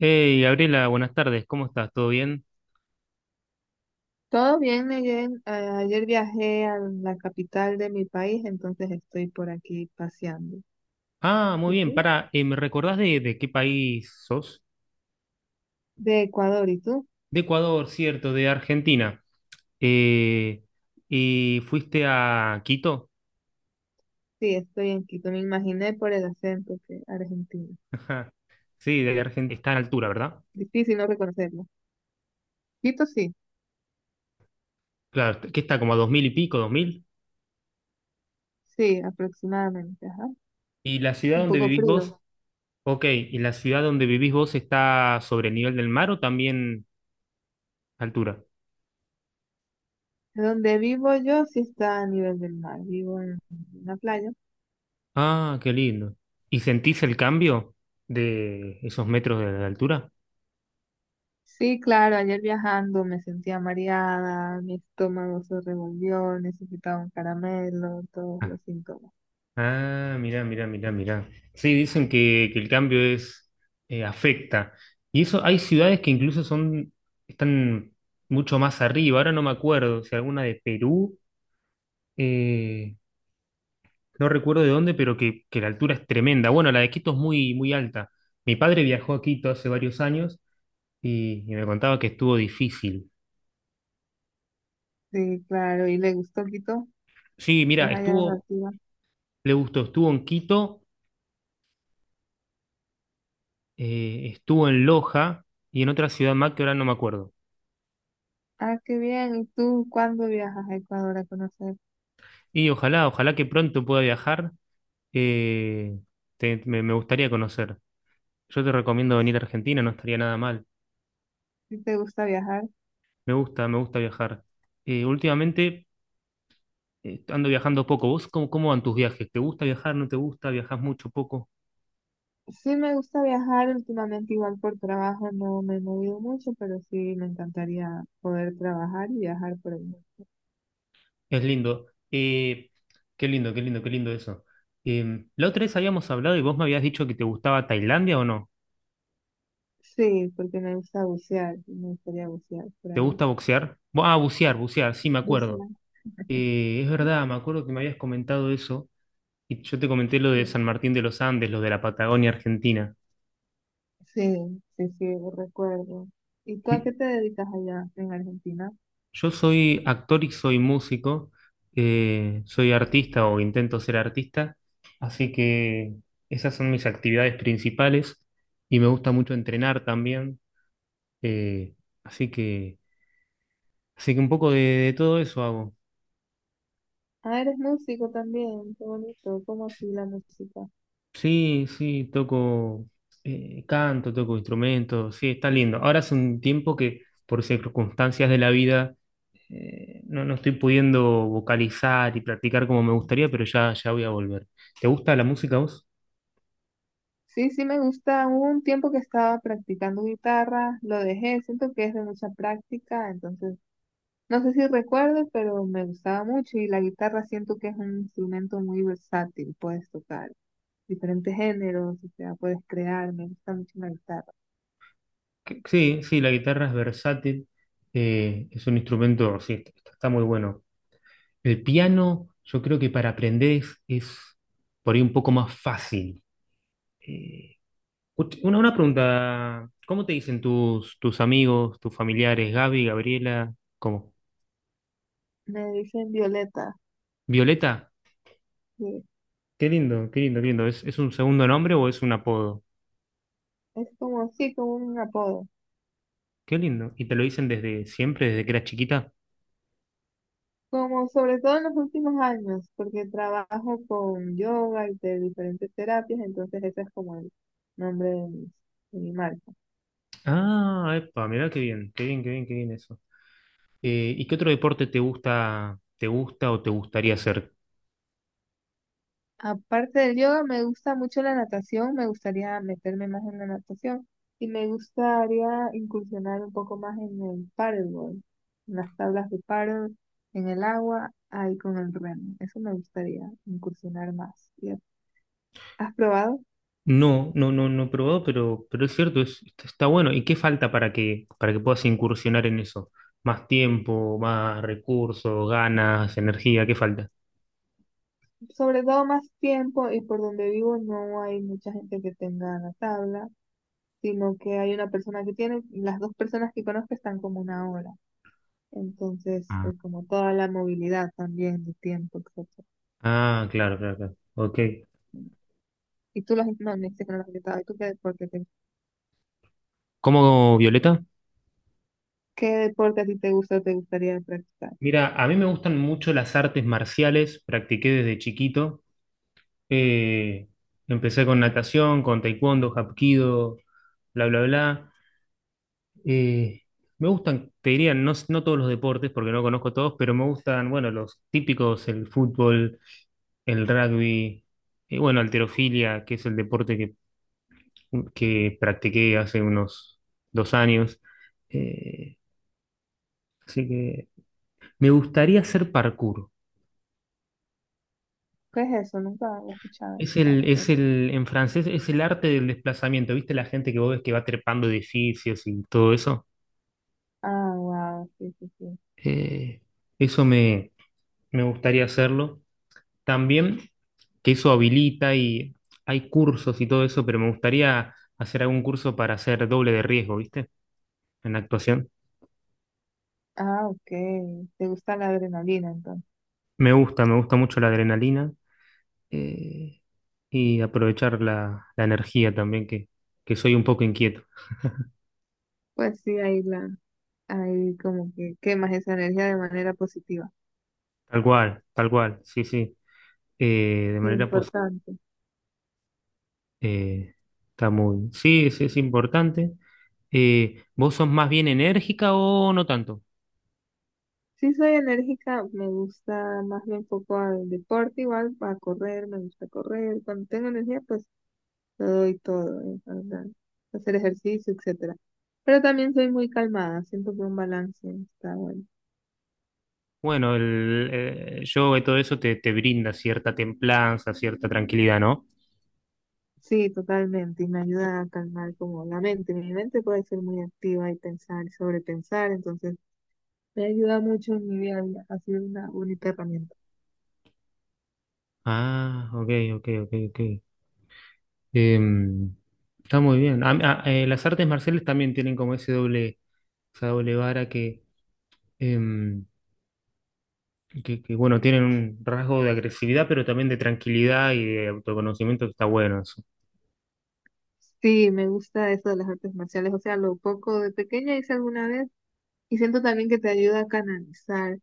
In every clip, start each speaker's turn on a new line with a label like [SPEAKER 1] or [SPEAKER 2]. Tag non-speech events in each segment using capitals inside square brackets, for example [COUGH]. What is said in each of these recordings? [SPEAKER 1] Hey, Gabriela, buenas tardes, ¿cómo estás? ¿Todo bien?
[SPEAKER 2] Todo bien, Neyen. Ayer viajé a la capital de mi país, entonces estoy por aquí paseando.
[SPEAKER 1] Ah,
[SPEAKER 2] ¿Y
[SPEAKER 1] muy bien,
[SPEAKER 2] tú?
[SPEAKER 1] para, ¿me recordás de qué país sos?
[SPEAKER 2] De Ecuador, ¿y tú?
[SPEAKER 1] De Ecuador, cierto, de Argentina. Eh, ¿Y fuiste a Quito?
[SPEAKER 2] Sí, estoy en Quito. Me imaginé por el acento que Argentina.
[SPEAKER 1] [LAUGHS] Ajá. Sí, de Argentina, está en altura, ¿verdad?
[SPEAKER 2] Difícil no reconocerlo. Quito sí,
[SPEAKER 1] Claro, que está como a 2.000 y pico, 2.000.
[SPEAKER 2] sí, aproximadamente, ajá.
[SPEAKER 1] ¿Y la ciudad
[SPEAKER 2] Un
[SPEAKER 1] donde
[SPEAKER 2] poco
[SPEAKER 1] vivís
[SPEAKER 2] frío.
[SPEAKER 1] vos? Ok, ¿y la ciudad donde vivís vos está sobre el nivel del mar o también altura?
[SPEAKER 2] Donde vivo yo sí está a nivel del mar. Vivo en una playa.
[SPEAKER 1] Ah, qué lindo. ¿Y sentís el cambio de esos metros de altura?
[SPEAKER 2] Sí, claro, ayer viajando me sentía mareada, mi estómago se revolvió, necesitaba un caramelo, todos
[SPEAKER 1] Ah.
[SPEAKER 2] los síntomas.
[SPEAKER 1] Ah, mirá, mirá, mirá, mirá. Sí, dicen que el cambio es afecta. Y eso, hay ciudades que incluso están mucho más arriba. Ahora no me acuerdo si alguna de Perú, eh, no recuerdo de dónde, pero que la altura es tremenda. Bueno, la de Quito es muy, muy alta. Mi padre viajó a Quito hace varios años y me contaba que estuvo difícil.
[SPEAKER 2] Sí, claro, y le gustó Quito,
[SPEAKER 1] Sí, mira,
[SPEAKER 2] más allá de la ciudad.
[SPEAKER 1] le gustó, estuvo en Quito, estuvo en Loja y en otra ciudad más que ahora no me acuerdo.
[SPEAKER 2] Ah, qué bien. ¿Y tú cuándo viajas a Ecuador a conocer?
[SPEAKER 1] Y ojalá, ojalá que pronto pueda viajar. eh, me gustaría conocer. Yo te recomiendo venir a Argentina, no estaría nada mal.
[SPEAKER 2] ¿Sí te gusta viajar?
[SPEAKER 1] Me gusta viajar. Últimamente, ando viajando poco. ¿Vos cómo van tus viajes? ¿Te gusta viajar? ¿No te gusta? ¿Viajas mucho, poco?
[SPEAKER 2] Sí, me gusta viajar últimamente, igual por trabajo no me he movido mucho, pero sí me encantaría poder trabajar y viajar por el mundo.
[SPEAKER 1] Es lindo. Qué lindo, qué lindo, qué lindo eso. La otra vez habíamos hablado y vos me habías dicho que te gustaba Tailandia o no.
[SPEAKER 2] Sí, porque me gusta bucear, y me gustaría bucear por
[SPEAKER 1] ¿Te
[SPEAKER 2] allá.
[SPEAKER 1] gusta boxear? Bucear, bucear, sí, me acuerdo.
[SPEAKER 2] Bucear,
[SPEAKER 1] Es verdad, me acuerdo que me habías comentado eso. Y yo te comenté lo de
[SPEAKER 2] sí.
[SPEAKER 1] San Martín de los Andes, lo de la Patagonia Argentina.
[SPEAKER 2] Sí, sí, sí, lo recuerdo. ¿Y tú a qué te dedicas allá en Argentina?
[SPEAKER 1] Yo soy actor y soy músico, soy artista o intento ser artista, así que esas son mis actividades principales y me gusta mucho entrenar también, eh, así que, así que, un poco de todo eso hago.
[SPEAKER 2] Ah, eres músico también, qué bonito, ¿cómo así la música?
[SPEAKER 1] Sí, sí, toco canto, toco instrumentos, sí, está lindo. Ahora hace un tiempo que por circunstancias de la vida, no estoy pudiendo vocalizar y practicar como me gustaría, pero ya voy a volver. ¿Te gusta la música a vos?
[SPEAKER 2] Sí, sí me gusta. Hubo un tiempo que estaba practicando guitarra, lo dejé, siento que es de mucha práctica, entonces no sé si recuerdo, pero me gustaba mucho y la guitarra siento que es un instrumento muy versátil, puedes tocar diferentes géneros, o sea, puedes crear, me gusta mucho la guitarra.
[SPEAKER 1] Sí, sí, la guitarra es versátil, es un instrumento, sí, está muy bueno. El piano, yo creo que para aprender es por ahí un poco más fácil. eh, una pregunta, ¿cómo te dicen tus, amigos, tus familiares, Gaby, Gabriela? ¿Cómo?
[SPEAKER 2] Me dicen Violeta,
[SPEAKER 1] ¿Violeta?
[SPEAKER 2] que
[SPEAKER 1] Qué lindo, qué lindo, qué lindo. ¿Es un segundo nombre o es un apodo?
[SPEAKER 2] es como así, como un apodo.
[SPEAKER 1] Qué lindo. ¿Y te lo dicen desde siempre, desde que eras chiquita?
[SPEAKER 2] Como sobre todo en los últimos años, porque trabajo con yoga y de diferentes terapias, entonces ese es como el nombre de mi marca.
[SPEAKER 1] Ah, epa, mirá qué bien, qué bien, qué bien, qué bien eso. ¿Y qué otro deporte te gusta o te gustaría hacer?
[SPEAKER 2] Aparte del yoga, me gusta mucho la natación, me gustaría meterme más en la natación y me gustaría incursionar un poco más en el paddleboard, en las tablas de paddle, en el agua, ahí con el remo. Eso me gustaría incursionar más. ¿Has probado?
[SPEAKER 1] No, no, no, no he probado, pero es cierto, está está bueno. ¿Y qué falta para que puedas incursionar en eso? ¿Más tiempo, más recursos, ganas, energía? ¿Qué falta?
[SPEAKER 2] Sobre todo más tiempo y por donde vivo no hay mucha gente que tenga la tabla, sino que hay una persona que tiene, y las dos personas que conozco están como una hora. Entonces, es como toda la movilidad también de tiempo, etc.
[SPEAKER 1] Ah, claro, claro, claro. Ok.
[SPEAKER 2] Y tú las, no, me dijiste que no las has intentado. ¿Y tú qué deporte, te-
[SPEAKER 1] ¿Cómo, Violeta?
[SPEAKER 2] ¿Qué deporte a ti te gusta o te gustaría practicar?
[SPEAKER 1] Mira, a mí me gustan mucho las artes marciales, practiqué desde chiquito. Eh, Empecé con natación, con taekwondo, hapkido, bla, bla, bla. Eh, Me gustan, te diría, no todos los deportes, porque no conozco todos, pero me gustan, bueno, los típicos, el fútbol, el rugby, y bueno, halterofilia, que es el deporte que practiqué hace unos 2 años. Eh, Así que me gustaría hacer parkour.
[SPEAKER 2] ¿Qué es eso? Nunca lo he escuchado. Parece.
[SPEAKER 1] En francés, es el arte del desplazamiento. ¿Viste la gente que vos ves que va trepando edificios y todo eso?
[SPEAKER 2] Ah, wow, sí, sí, sí.
[SPEAKER 1] Eh, Eso me gustaría hacerlo también, que eso habilita y hay cursos y todo eso, pero me gustaría hacer algún curso para hacer doble de riesgo, ¿viste? En la actuación.
[SPEAKER 2] Ah, ok. ¿Te gusta la adrenalina entonces?
[SPEAKER 1] Me gusta mucho la adrenalina, eh, y aprovechar la energía también, que soy un poco inquieto.
[SPEAKER 2] Pues sí, ahí la, ahí como que quemas esa energía de manera positiva.
[SPEAKER 1] Tal cual, sí, sí. De
[SPEAKER 2] Sí,
[SPEAKER 1] manera positiva.
[SPEAKER 2] importante.
[SPEAKER 1] Está muy. Sí, sí, es importante. ¿Vos sos más bien enérgica o no tanto?
[SPEAKER 2] Sí soy enérgica, me gusta más bien un poco al deporte, igual a correr, me gusta correr. Cuando tengo energía, pues lo doy todo, o sea, hacer ejercicio, etcétera. Pero también soy muy calmada, siento que un balance está bueno.
[SPEAKER 1] Bueno, el yoga y todo eso te brinda cierta templanza, cierta tranquilidad, ¿no?
[SPEAKER 2] Sí, totalmente, y me ayuda a calmar como la mente. Mi mente puede ser muy activa y pensar y sobrepensar, entonces me ayuda mucho en mi día a día, ha sido una bonita herramienta.
[SPEAKER 1] Ah, ok, ok, ok, ok. Em, Está muy bien. Las artes marciales también tienen como ese doble, esa doble vara em, que bueno, tienen un rasgo de agresividad, pero también de tranquilidad y de autoconocimiento que está bueno eso.
[SPEAKER 2] Sí, me gusta eso de las artes marciales, o sea, lo poco de pequeña hice alguna vez. Y siento también que te ayuda a canalizar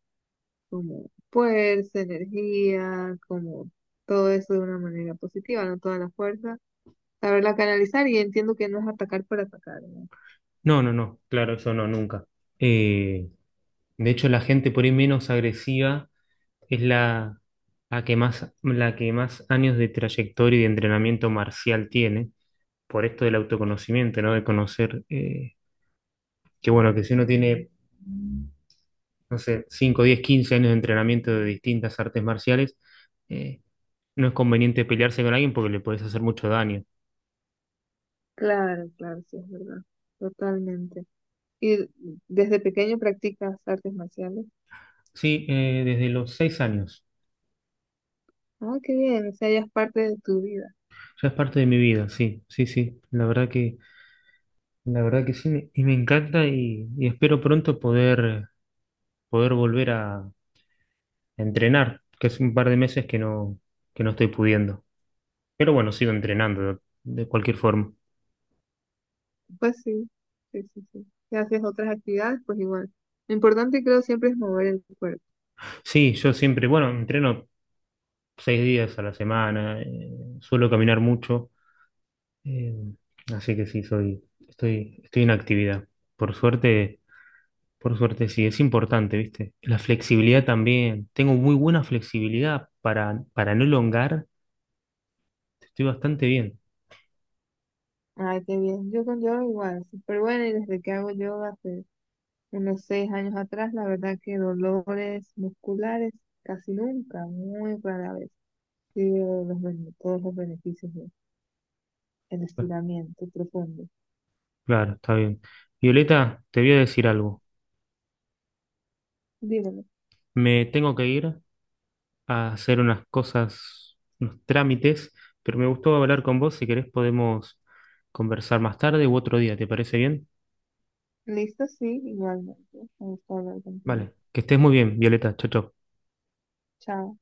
[SPEAKER 2] como fuerza, energía, como todo eso de una manera positiva, no toda la fuerza. Saberla canalizar y entiendo que no es atacar por atacar, ¿no?
[SPEAKER 1] No, no, no, claro, eso no, nunca. Eh, de hecho, la gente por ahí menos agresiva. Es la que más, la que más años de trayectoria y de entrenamiento marcial tiene, por esto del autoconocimiento, ¿no? De conocer, que, bueno, que si uno tiene, no sé, 5, 10, 15 años de entrenamiento de distintas artes marciales, eh, no es conveniente pelearse con alguien porque le puedes hacer mucho daño.
[SPEAKER 2] Claro, claro, sí, es verdad. Totalmente. Y desde pequeño practicas artes marciales.
[SPEAKER 1] Sí, desde los 6 años.
[SPEAKER 2] Ah, qué bien, o sea, ya es parte de tu vida.
[SPEAKER 1] Ya es parte de mi vida, sí, sí, sí. La verdad que sí, y me encanta y espero pronto poder, poder volver a entrenar, que es un par de meses que no estoy pudiendo. Pero bueno, sigo entrenando de cualquier forma.
[SPEAKER 2] Pues sí, sí, sí, sí. Si haces otras actividades, pues igual. Lo importante creo siempre es mover el cuerpo.
[SPEAKER 1] Sí, yo siempre, bueno, entreno 6 días a la semana, suelo caminar mucho, eh, así que sí, estoy en actividad. Por suerte, por suerte sí, es importante, ¿viste? La flexibilidad también. Tengo muy buena flexibilidad para no elongar, estoy bastante bien.
[SPEAKER 2] Ay, qué bien. Yo con yoga igual, súper buena y desde que hago yoga, pues, unos 6 años atrás, la verdad que dolores musculares casi nunca, muy rara vez, sí veo todos los beneficios del estiramiento profundo.
[SPEAKER 1] Claro, está bien. Violeta, te voy a decir algo.
[SPEAKER 2] Dímelo.
[SPEAKER 1] Me tengo que ir, a hacer unas cosas, unos trámites, pero me gustó hablar con vos. Si querés podemos conversar más tarde u otro día, ¿te parece bien?
[SPEAKER 2] Listo, sí, igualmente. Me gusta hablar contigo.
[SPEAKER 1] Vale, que estés muy bien, Violeta. Chau, chau.
[SPEAKER 2] Chao.